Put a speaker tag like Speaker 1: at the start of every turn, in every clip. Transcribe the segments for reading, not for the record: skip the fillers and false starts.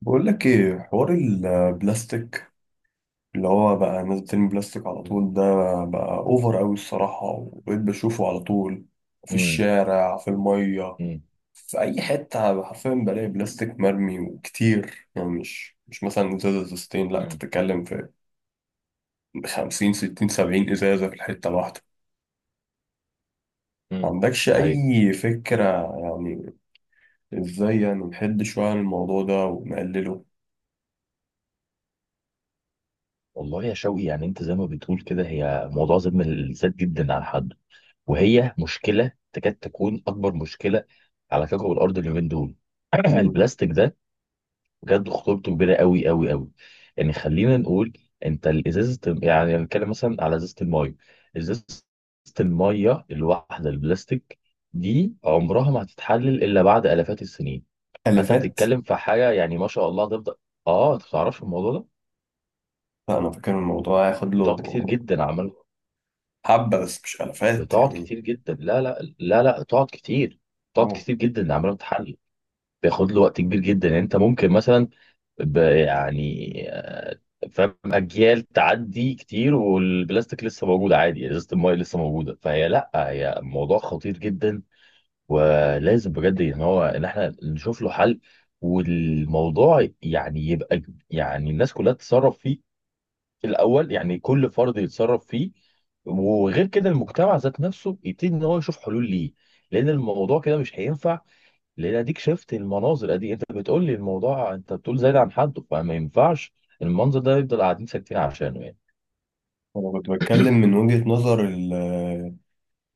Speaker 1: بقول لك ايه حوار البلاستيك اللي هو بقى الناس بترمي بلاستيك على
Speaker 2: مم.
Speaker 1: طول ده بقى اوفر قوي الصراحة، وبقيت بشوفه على طول في
Speaker 2: مم.
Speaker 1: الشارع، في المية،
Speaker 2: مم.
Speaker 1: في اي حتة حرفيا بلاقي بلاستيك مرمي وكتير. يعني مش مثلا ازازة ازازتين، لا انت
Speaker 2: مم.
Speaker 1: بتتكلم في خمسين ستين سبعين ازازة في الحتة الواحدة. ما
Speaker 2: مم.
Speaker 1: عندكش
Speaker 2: دي حقيقة.
Speaker 1: اي فكرة يعني. ازاي يعني نحد شوية عن الموضوع ده ونقلله؟
Speaker 2: والله يا شوقي، يعني انت زي ما بتقول كده، هي موضوع ظلم الذات جدا على حد، وهي مشكلة تكاد تكون أكبر مشكلة على كوكب الأرض اليومين دول.
Speaker 1: مم.
Speaker 2: البلاستيك ده بجد خطورته كبيرة قوي قوي قوي. يعني خلينا نقول، انت الإزازة، يعني نتكلم مثلا على إزازة الماية، إزازة الماية الواحدة البلاستيك دي، عمرها ما هتتحلل إلا بعد آلافات السنين. فانت
Speaker 1: تلفات.
Speaker 2: بتتكلم في حاجه، يعني ما شاء الله هتفضل. اه انت ما بتعرفش الموضوع ده.
Speaker 1: لا انا فاكر الموضوع هياخد له
Speaker 2: بتقعد كتير جدا عمال،
Speaker 1: حبة بس مش ألفات
Speaker 2: بتقعد
Speaker 1: يعني.
Speaker 2: كتير جدا، لا لا لا لا، تقعد كتير، تقعد
Speaker 1: أوه.
Speaker 2: كتير جدا عمال بتحلل. بياخد له وقت كبير جدا، يعني انت ممكن مثلا يعني فاهم اجيال تعدي كتير، والبلاستيك لسه موجود عادي، يعني ازازه المايه لسه موجوده. فهي لا هي موضوع خطير جدا، ولازم بجد ان احنا نشوف له حل. والموضوع يعني يبقى يعني الناس كلها تتصرف فيه، في الاول يعني كل فرد يتصرف فيه. وغير كده المجتمع ذات نفسه يبتدي ان هو يشوف حلول ليه، لان الموضوع كده مش هينفع. لان اديك شفت المناظر، ادي انت بتقول لي الموضوع، انت بتقول زايد عن حده، فما ينفعش المنظر ده يفضل قاعدين ساكتين عشانه يعني.
Speaker 1: أنا كنت بتكلم من وجهة نظر ال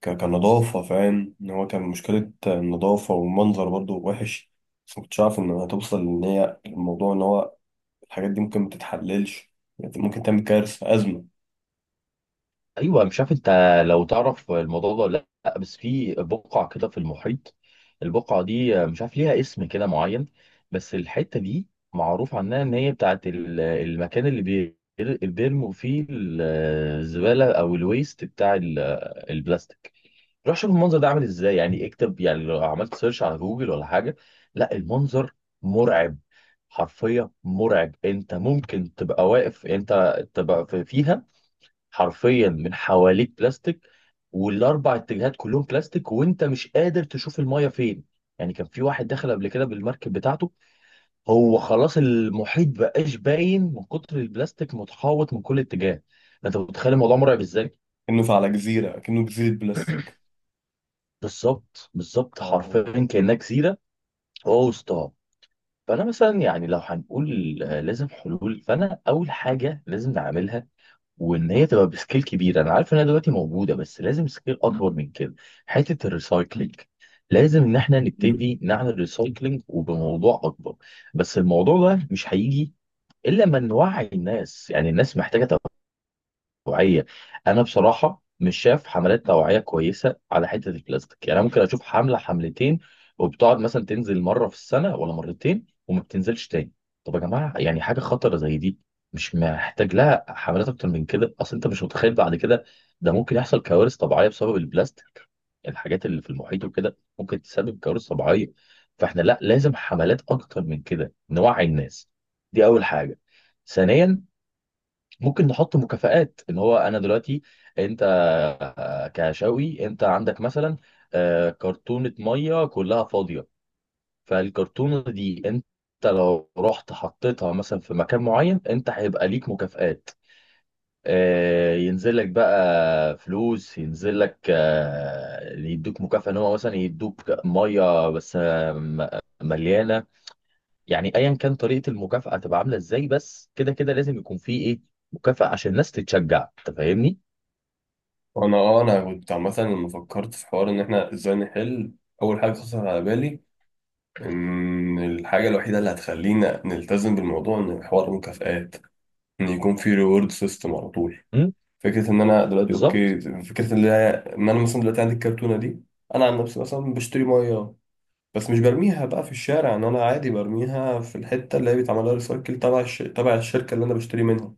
Speaker 1: ك- كنظافة، فاهم إن هو كان مشكلة النظافة والمنظر برضو وحش. بس مكنتش عارف إن هتوصل إن هي الموضوع إن هو الحاجات دي ممكن متتحللش، يعني ممكن تعمل كارثة أزمة.
Speaker 2: ايوه. مش عارف انت لو تعرف الموضوع ده ولا لا، بس في بقعه كده في المحيط، البقعه دي مش عارف ليها اسم كده معين، بس الحته دي معروف عنها ان هي بتاعت المكان اللي اللي بيرموا فيه الزباله، او الويست بتاع البلاستيك. روح شوف المنظر ده عامل ازاي، يعني اكتب، يعني لو عملت سيرش على جوجل ولا حاجه. لا، المنظر مرعب، حرفيا مرعب. انت ممكن تبقى واقف، انت تبقى فيها، حرفيا من حواليك بلاستيك، والاربع اتجاهات كلهم بلاستيك، وانت مش قادر تشوف المايه فين. يعني كان في واحد دخل قبل كده بالمركب بتاعته، هو خلاص المحيط بقاش باين من كتر البلاستيك، متحوط من كل اتجاه. انت متخيل الموضوع مرعب ازاي؟
Speaker 1: كأنه على جزيرة، كأنه جزيرة بلاستيك.
Speaker 2: بالظبط بالظبط،
Speaker 1: أه.
Speaker 2: حرفيا كانك جزيره هو وسطها. فانا مثلا يعني لو هنقول لازم حلول. فانا اول حاجه لازم نعملها وان هي تبقى بسكيل كبيره. انا عارف انها دلوقتي موجوده، بس لازم سكيل اكبر من كده. حته الريسايكلينج، لازم ان احنا
Speaker 1: مم.
Speaker 2: نبتدي نعمل ريسايكلينج وبموضوع اكبر. بس الموضوع ده مش هيجي الا لما نوعي الناس، يعني الناس محتاجه توعية. أنا بصراحة مش شايف حملات توعية كويسة على حتة البلاستيك، يعني أنا ممكن أشوف حملة حملتين، وبتقعد مثلا تنزل مرة في السنة ولا مرتين، وما بتنزلش تاني. طب يا جماعة، يعني حاجة خطرة زي دي مش محتاج لها حملات أكتر من كده؟ أصل أنت مش متخيل، بعد كده ده ممكن يحصل كوارث طبيعية بسبب البلاستيك. الحاجات اللي في المحيط وكده ممكن تسبب كوارث طبيعية. فإحنا لا، لازم حملات أكتر من كده، نوعي الناس. دي أول حاجة. ثانيا، ممكن نحط مكافآت. اللي هو انا دلوقتي انت كشاوي، انت عندك مثلا كرتونة مية كلها فاضية. فالكرتونة دي انت لو رحت حطيتها مثلا في مكان معين، انت هيبقى ليك مكافآت. ينزل لك بقى فلوس، ينزل لك يدوك مكافأة، ان هو مثلا يدوك مية بس مليانة. يعني ايا كان طريقه المكافاه هتبقى عامله ازاي، بس كده كده لازم يكون في ايه، مكافاه عشان الناس تتشجع. انت فاهمني؟
Speaker 1: وأنا أنا كنت عامة لما فكرت في حوار إن إحنا إزاي نحل، أول حاجة خطرت على بالي إن الحاجة الوحيدة اللي هتخلينا نلتزم بالموضوع إن حوار المكافآت، ان يكون في ريورد سيستم على طول.
Speaker 2: امم.
Speaker 1: فكره ان انا دلوقتي
Speaker 2: بالظبط.
Speaker 1: اوكي، فكره ان انا إن أنا مثلا دلوقتي عندي الكرتونه دي. انا عن نفسي مثلا بشتري ميه، بس مش برميها بقى في الشارع، ان انا عادي برميها في الحته اللي هي بيتعمل لها ريسايكل تبع تبع الشركه اللي انا بشتري منها.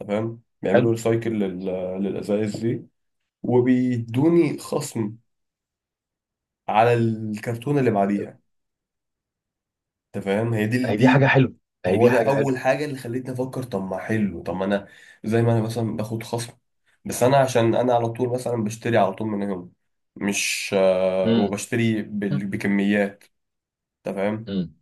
Speaker 1: تمام، بيعملوا
Speaker 2: حلو.
Speaker 1: ريسايكل للازايز دي، وبيدوني خصم على الكرتونه اللي بعديها. انت فاهم، هي دي
Speaker 2: هي دي
Speaker 1: دي
Speaker 2: حاجه حلوه.
Speaker 1: ما
Speaker 2: هي
Speaker 1: هو
Speaker 2: دي
Speaker 1: ده
Speaker 2: حاجه حلوه.
Speaker 1: اول حاجه اللي خلتني افكر، طب ما حلو، طب ما انا زي ما انا مثلا باخد خصم، بس انا عشان انا على طول مثلا بشتري على طول من هنا، مش
Speaker 2: امم.
Speaker 1: وبشتري بكميات، انت فاهم.
Speaker 2: امم.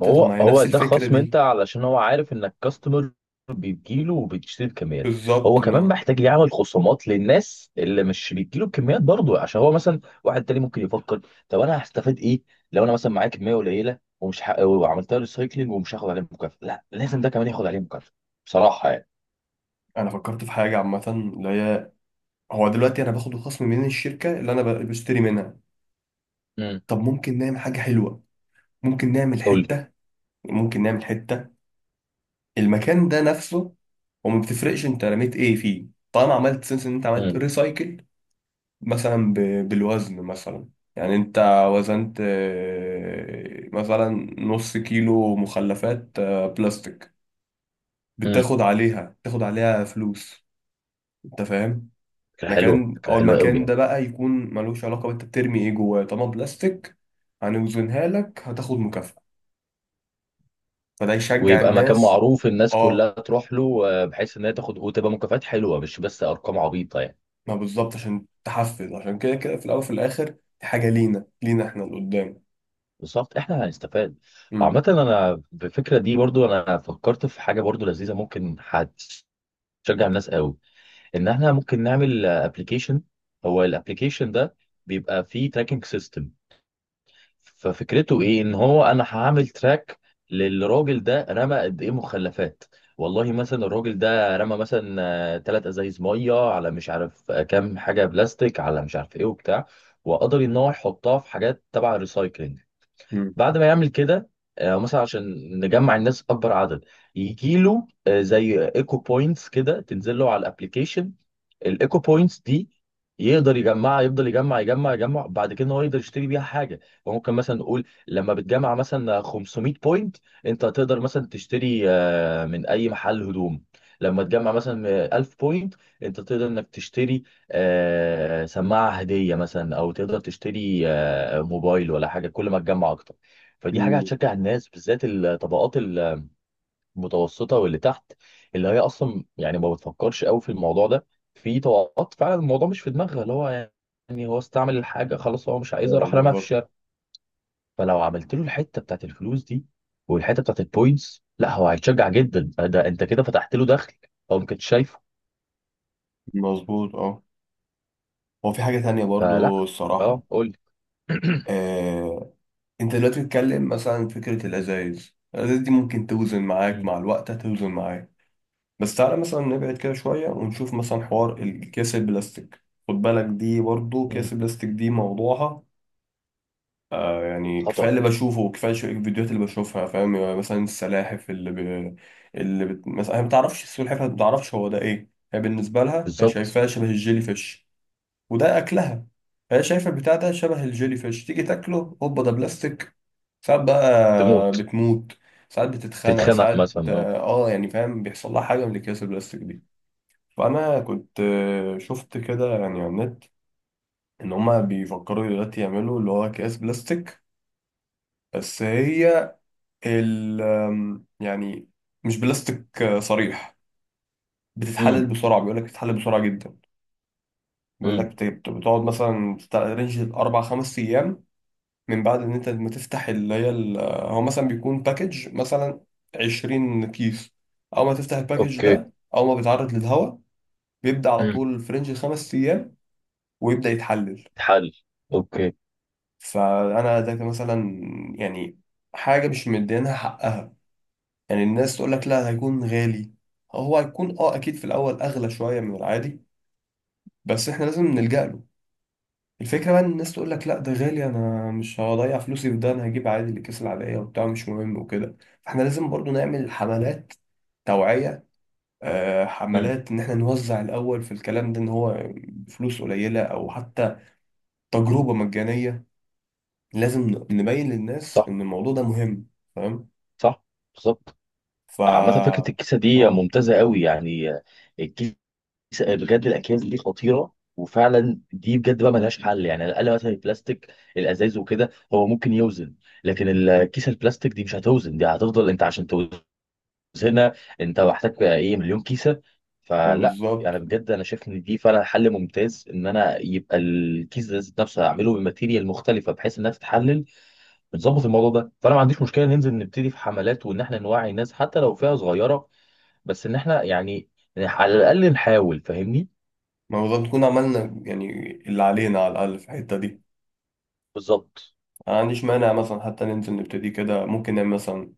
Speaker 2: ما
Speaker 1: طب
Speaker 2: هو
Speaker 1: ما هي
Speaker 2: هو
Speaker 1: نفس
Speaker 2: ده
Speaker 1: الفكره
Speaker 2: خصم، انت
Speaker 1: دي.
Speaker 2: علشان هو عارف انك كاستمر بيجيله وبتشتري بكميات.
Speaker 1: بالظبط،
Speaker 2: هو كمان
Speaker 1: انه
Speaker 2: محتاج يعمل خصومات للناس اللي مش بيجيله بكميات برضه، عشان هو مثلا واحد تاني ممكن يفكر، طب انا هستفاد ايه؟ لو انا مثلا معايا كميه قليله، ومش وعملتها ريسايكلينج ومش هاخد عليها مكافاه؟ لا، لازم ده كمان ياخد عليه مكافاه. بصراحه يعني.
Speaker 1: انا فكرت في حاجه عامه، اللي هي هو دلوقتي انا باخد الخصم من الشركه اللي انا بشتري منها.
Speaker 2: امم.
Speaker 1: طب ممكن نعمل حاجه حلوه، ممكن نعمل
Speaker 2: قول لي.
Speaker 1: حته، ممكن نعمل حته المكان ده نفسه، وما بتفرقش انت رميت ايه فيه طالما عملت سنس ان انت عملت
Speaker 2: امم.
Speaker 1: ريسايكل. مثلا بالوزن مثلا، يعني انت وزنت مثلا نص كيلو مخلفات بلاستيك،
Speaker 2: امم.
Speaker 1: بتاخد عليها تاخد عليها فلوس، انت فاهم.
Speaker 2: فكره حلوه،
Speaker 1: مكان
Speaker 2: فكره
Speaker 1: او
Speaker 2: حلوه قوي
Speaker 1: المكان
Speaker 2: يعني.
Speaker 1: ده بقى يكون ملوش علاقة انت بترمي ايه جواه طالما بلاستيك، هنوزنها لك، هتاخد مكافأة، فده يشجع
Speaker 2: ويبقى مكان
Speaker 1: الناس.
Speaker 2: معروف الناس
Speaker 1: اه،
Speaker 2: كلها تروح له، بحيث ان هي تاخد وتبقى مكافآت حلوه، مش بس ارقام عبيطه يعني.
Speaker 1: ما بالظبط عشان تحفز، عشان كده كده في الاول وفي الاخر دي حاجه لينا، احنا اللي قدام.
Speaker 2: بالظبط، احنا هنستفاد.
Speaker 1: امم.
Speaker 2: وعامة انا بالفكرة دي برضو، انا فكرت في حاجة برضو لذيذة ممكن هتشجع الناس قوي، ان احنا ممكن نعمل ابلكيشن. هو الابلكيشن ده بيبقى فيه تراكنج سيستم. ففكرته ايه، ان هو انا هعمل تراك للراجل ده، رمى قد ايه مخلفات. والله مثلا الراجل ده رمى مثلا ثلاث ازايز ميه، على مش عارف كام حاجة بلاستيك، على مش عارف ايه وبتاع، وقدر ان هو يحطها في حاجات تبع الريسايكلينج.
Speaker 1: امم.
Speaker 2: بعد ما يعمل كده، مثلا عشان نجمع الناس اكبر عدد، يجي له زي ايكو بوينتس كده، تنزل له على الابلكيشن. الايكو بوينتس دي يقدر يجمعها، يفضل يجمع يجمع يجمع، بعد كده هو يقدر يشتري بيها حاجه. فممكن مثلا نقول، لما بتجمع مثلا 500 بوينت، انت تقدر مثلا تشتري من اي محل هدوم. لما تجمع مثلا 1000 بوينت، انت تقدر انك تشتري سماعه هديه مثلا، او تقدر تشتري موبايل ولا حاجه، كل ما تجمع اكتر. فدي حاجه
Speaker 1: امم.
Speaker 2: هتشجع الناس، بالذات الطبقات متوسطه واللي تحت، اللي هي اصلا يعني ما بتفكرش قوي في الموضوع ده. في طبقات فعلا الموضوع مش في دماغها، اللي هو يعني هو استعمل الحاجه خلاص، هو مش عايزها،
Speaker 1: ايوه
Speaker 2: راح رماها في
Speaker 1: بالظبط.
Speaker 2: الشارع. فلو عملت له الحته بتاعت الفلوس دي، والحته بتاعت البوينتس، لا هو هيتشجع جدا، ده انت كده فتحت له دخل هو ما كانش شايفه.
Speaker 1: مظبوط اه. هو في حاجه تانية برضو
Speaker 2: فلا. اه،
Speaker 1: الصراحه.
Speaker 2: قول.
Speaker 1: آه. انت دلوقتي بتتكلم مثلا عن فكره الازايز دي ممكن توزن معاك،
Speaker 2: مم.
Speaker 1: مع الوقت هتوزن معاك. بس تعالى مثلا نبعد كده شويه ونشوف مثلا حوار الكيس البلاستيك، خد بالك دي برضو
Speaker 2: مم.
Speaker 1: كيس البلاستيك دي موضوعها آه. يعني كفايه
Speaker 2: خطر.
Speaker 1: اللي بشوفه وكفايه الفيديوهات اللي بشوفها، فاهم يعني مثلا السلاحف مثلا هي ما بتعرفش، السلحفاه ما بتعرفش هو ده ايه، هي بالنسبه لها هي
Speaker 2: بالظبط.
Speaker 1: شايفاه شبه الجيلي فيش وده اكلها. هي شايفه البتاع ده شبه الجيلي فيش، تيجي تاكله، هوبا ده بلاستيك. ساعات بقى
Speaker 2: تموت.
Speaker 1: بتموت، ساعات بتتخنق،
Speaker 2: تتخنق
Speaker 1: ساعات
Speaker 2: مثلا، اه.
Speaker 1: اه. يعني فاهم، بيحصل لها حاجه من الاكياس البلاستيك دي. فانا كنت شفت كده يعني على النت ان هما بيفكروا دلوقتي يعملوا اللي هو اكياس بلاستيك، بس هي ال آم، يعني مش بلاستيك صريح، بتتحلل
Speaker 2: امم.
Speaker 1: بسرعة. بيقول لك بتتحلل بسرعة جدا، بيقول لك
Speaker 2: امم.
Speaker 1: بتقعد مثلا بتاع رينج أربع خمس أيام من بعد إن أنت ما تفتح اللي هي هو مثلا بيكون باكج مثلا 20 كيس. أول ما تفتح الباكج
Speaker 2: اوكي.
Speaker 1: ده، أول ما بيتعرض للهواء، بيبدأ على
Speaker 2: امم.
Speaker 1: طول في رينج خمس أيام ويبدأ يتحلل.
Speaker 2: تحل. اوكي.
Speaker 1: فأنا ده كان مثلا، يعني، حاجة مش مدينها حقها. يعني الناس تقول لك لا هيكون غالي، هو هيكون اه اكيد في الاول اغلى شويه من العادي، بس احنا لازم نلجأ له. الفكره بقى ان الناس تقول لك لا ده غالي، انا مش هضيع فلوسي في ده، انا هجيب عادي الاكياس العاديه وبتاع مش مهم وكده. فاحنا لازم برضو نعمل حملات توعيه، آه
Speaker 2: امم.
Speaker 1: حملات ان احنا نوزع الاول في الكلام ده ان هو فلوس قليله او حتى تجربه مجانيه. لازم نبين للناس
Speaker 2: صح.
Speaker 1: ان الموضوع ده مهم، فاهم.
Speaker 2: صح. بالظبط.
Speaker 1: ف،
Speaker 2: عامة فكرة الكيسة دي
Speaker 1: اه
Speaker 2: ممتازة قوي يعني. الكيسة، بجد الأكياس دي خطيرة، وفعلا دي بجد بقى ملهاش حل، يعني على الأقل مثلا البلاستيك الأزاز وكده هو ممكن يوزن، لكن الكيسة البلاستيك دي مش هتوزن، دي هتفضل. أنت عشان توزنها، أنت محتاج إيه، مليون كيسة؟
Speaker 1: ما
Speaker 2: فلا
Speaker 1: بالظبط.
Speaker 2: يعني بجد، أنا شايف إن دي فعلا حل ممتاز، إن أنا يبقى الكيس ده ذات نفسه هعمله بماتيريال مختلفة بحيث إنها تتحلل. بنظبط الموضوع ده. فأنا ما عنديش مشكلة ننزل نبتدي في حملات، وإن إحنا نوعي الناس حتى لو فئة صغيرة، بس ان احنا يعني على الاقل نحاول. فاهمني؟
Speaker 1: ما هو نكون عملنا يعني اللي علينا على الأقل في الحتة دي.
Speaker 2: بالظبط.
Speaker 1: أنا ما عنديش مانع مثلا حتى ننزل نبتدي كده، ممكن نعمل مثلا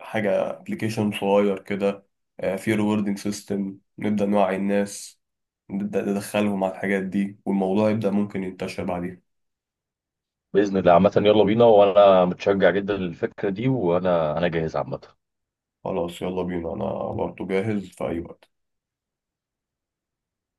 Speaker 1: حاجة ابلكيشن صغير كده فيه ريوردنج سيستم، نبدأ نوعي الناس، نبدأ ندخلهم على الحاجات دي والموضوع يبدأ ممكن ينتشر بعدين.
Speaker 2: باذن الله عامه، يلا بينا، وانا متشجع جدا للفكره دي، وانا جاهز عامه.
Speaker 1: خلاص يلا بينا، أنا برضه جاهز في أي وقت.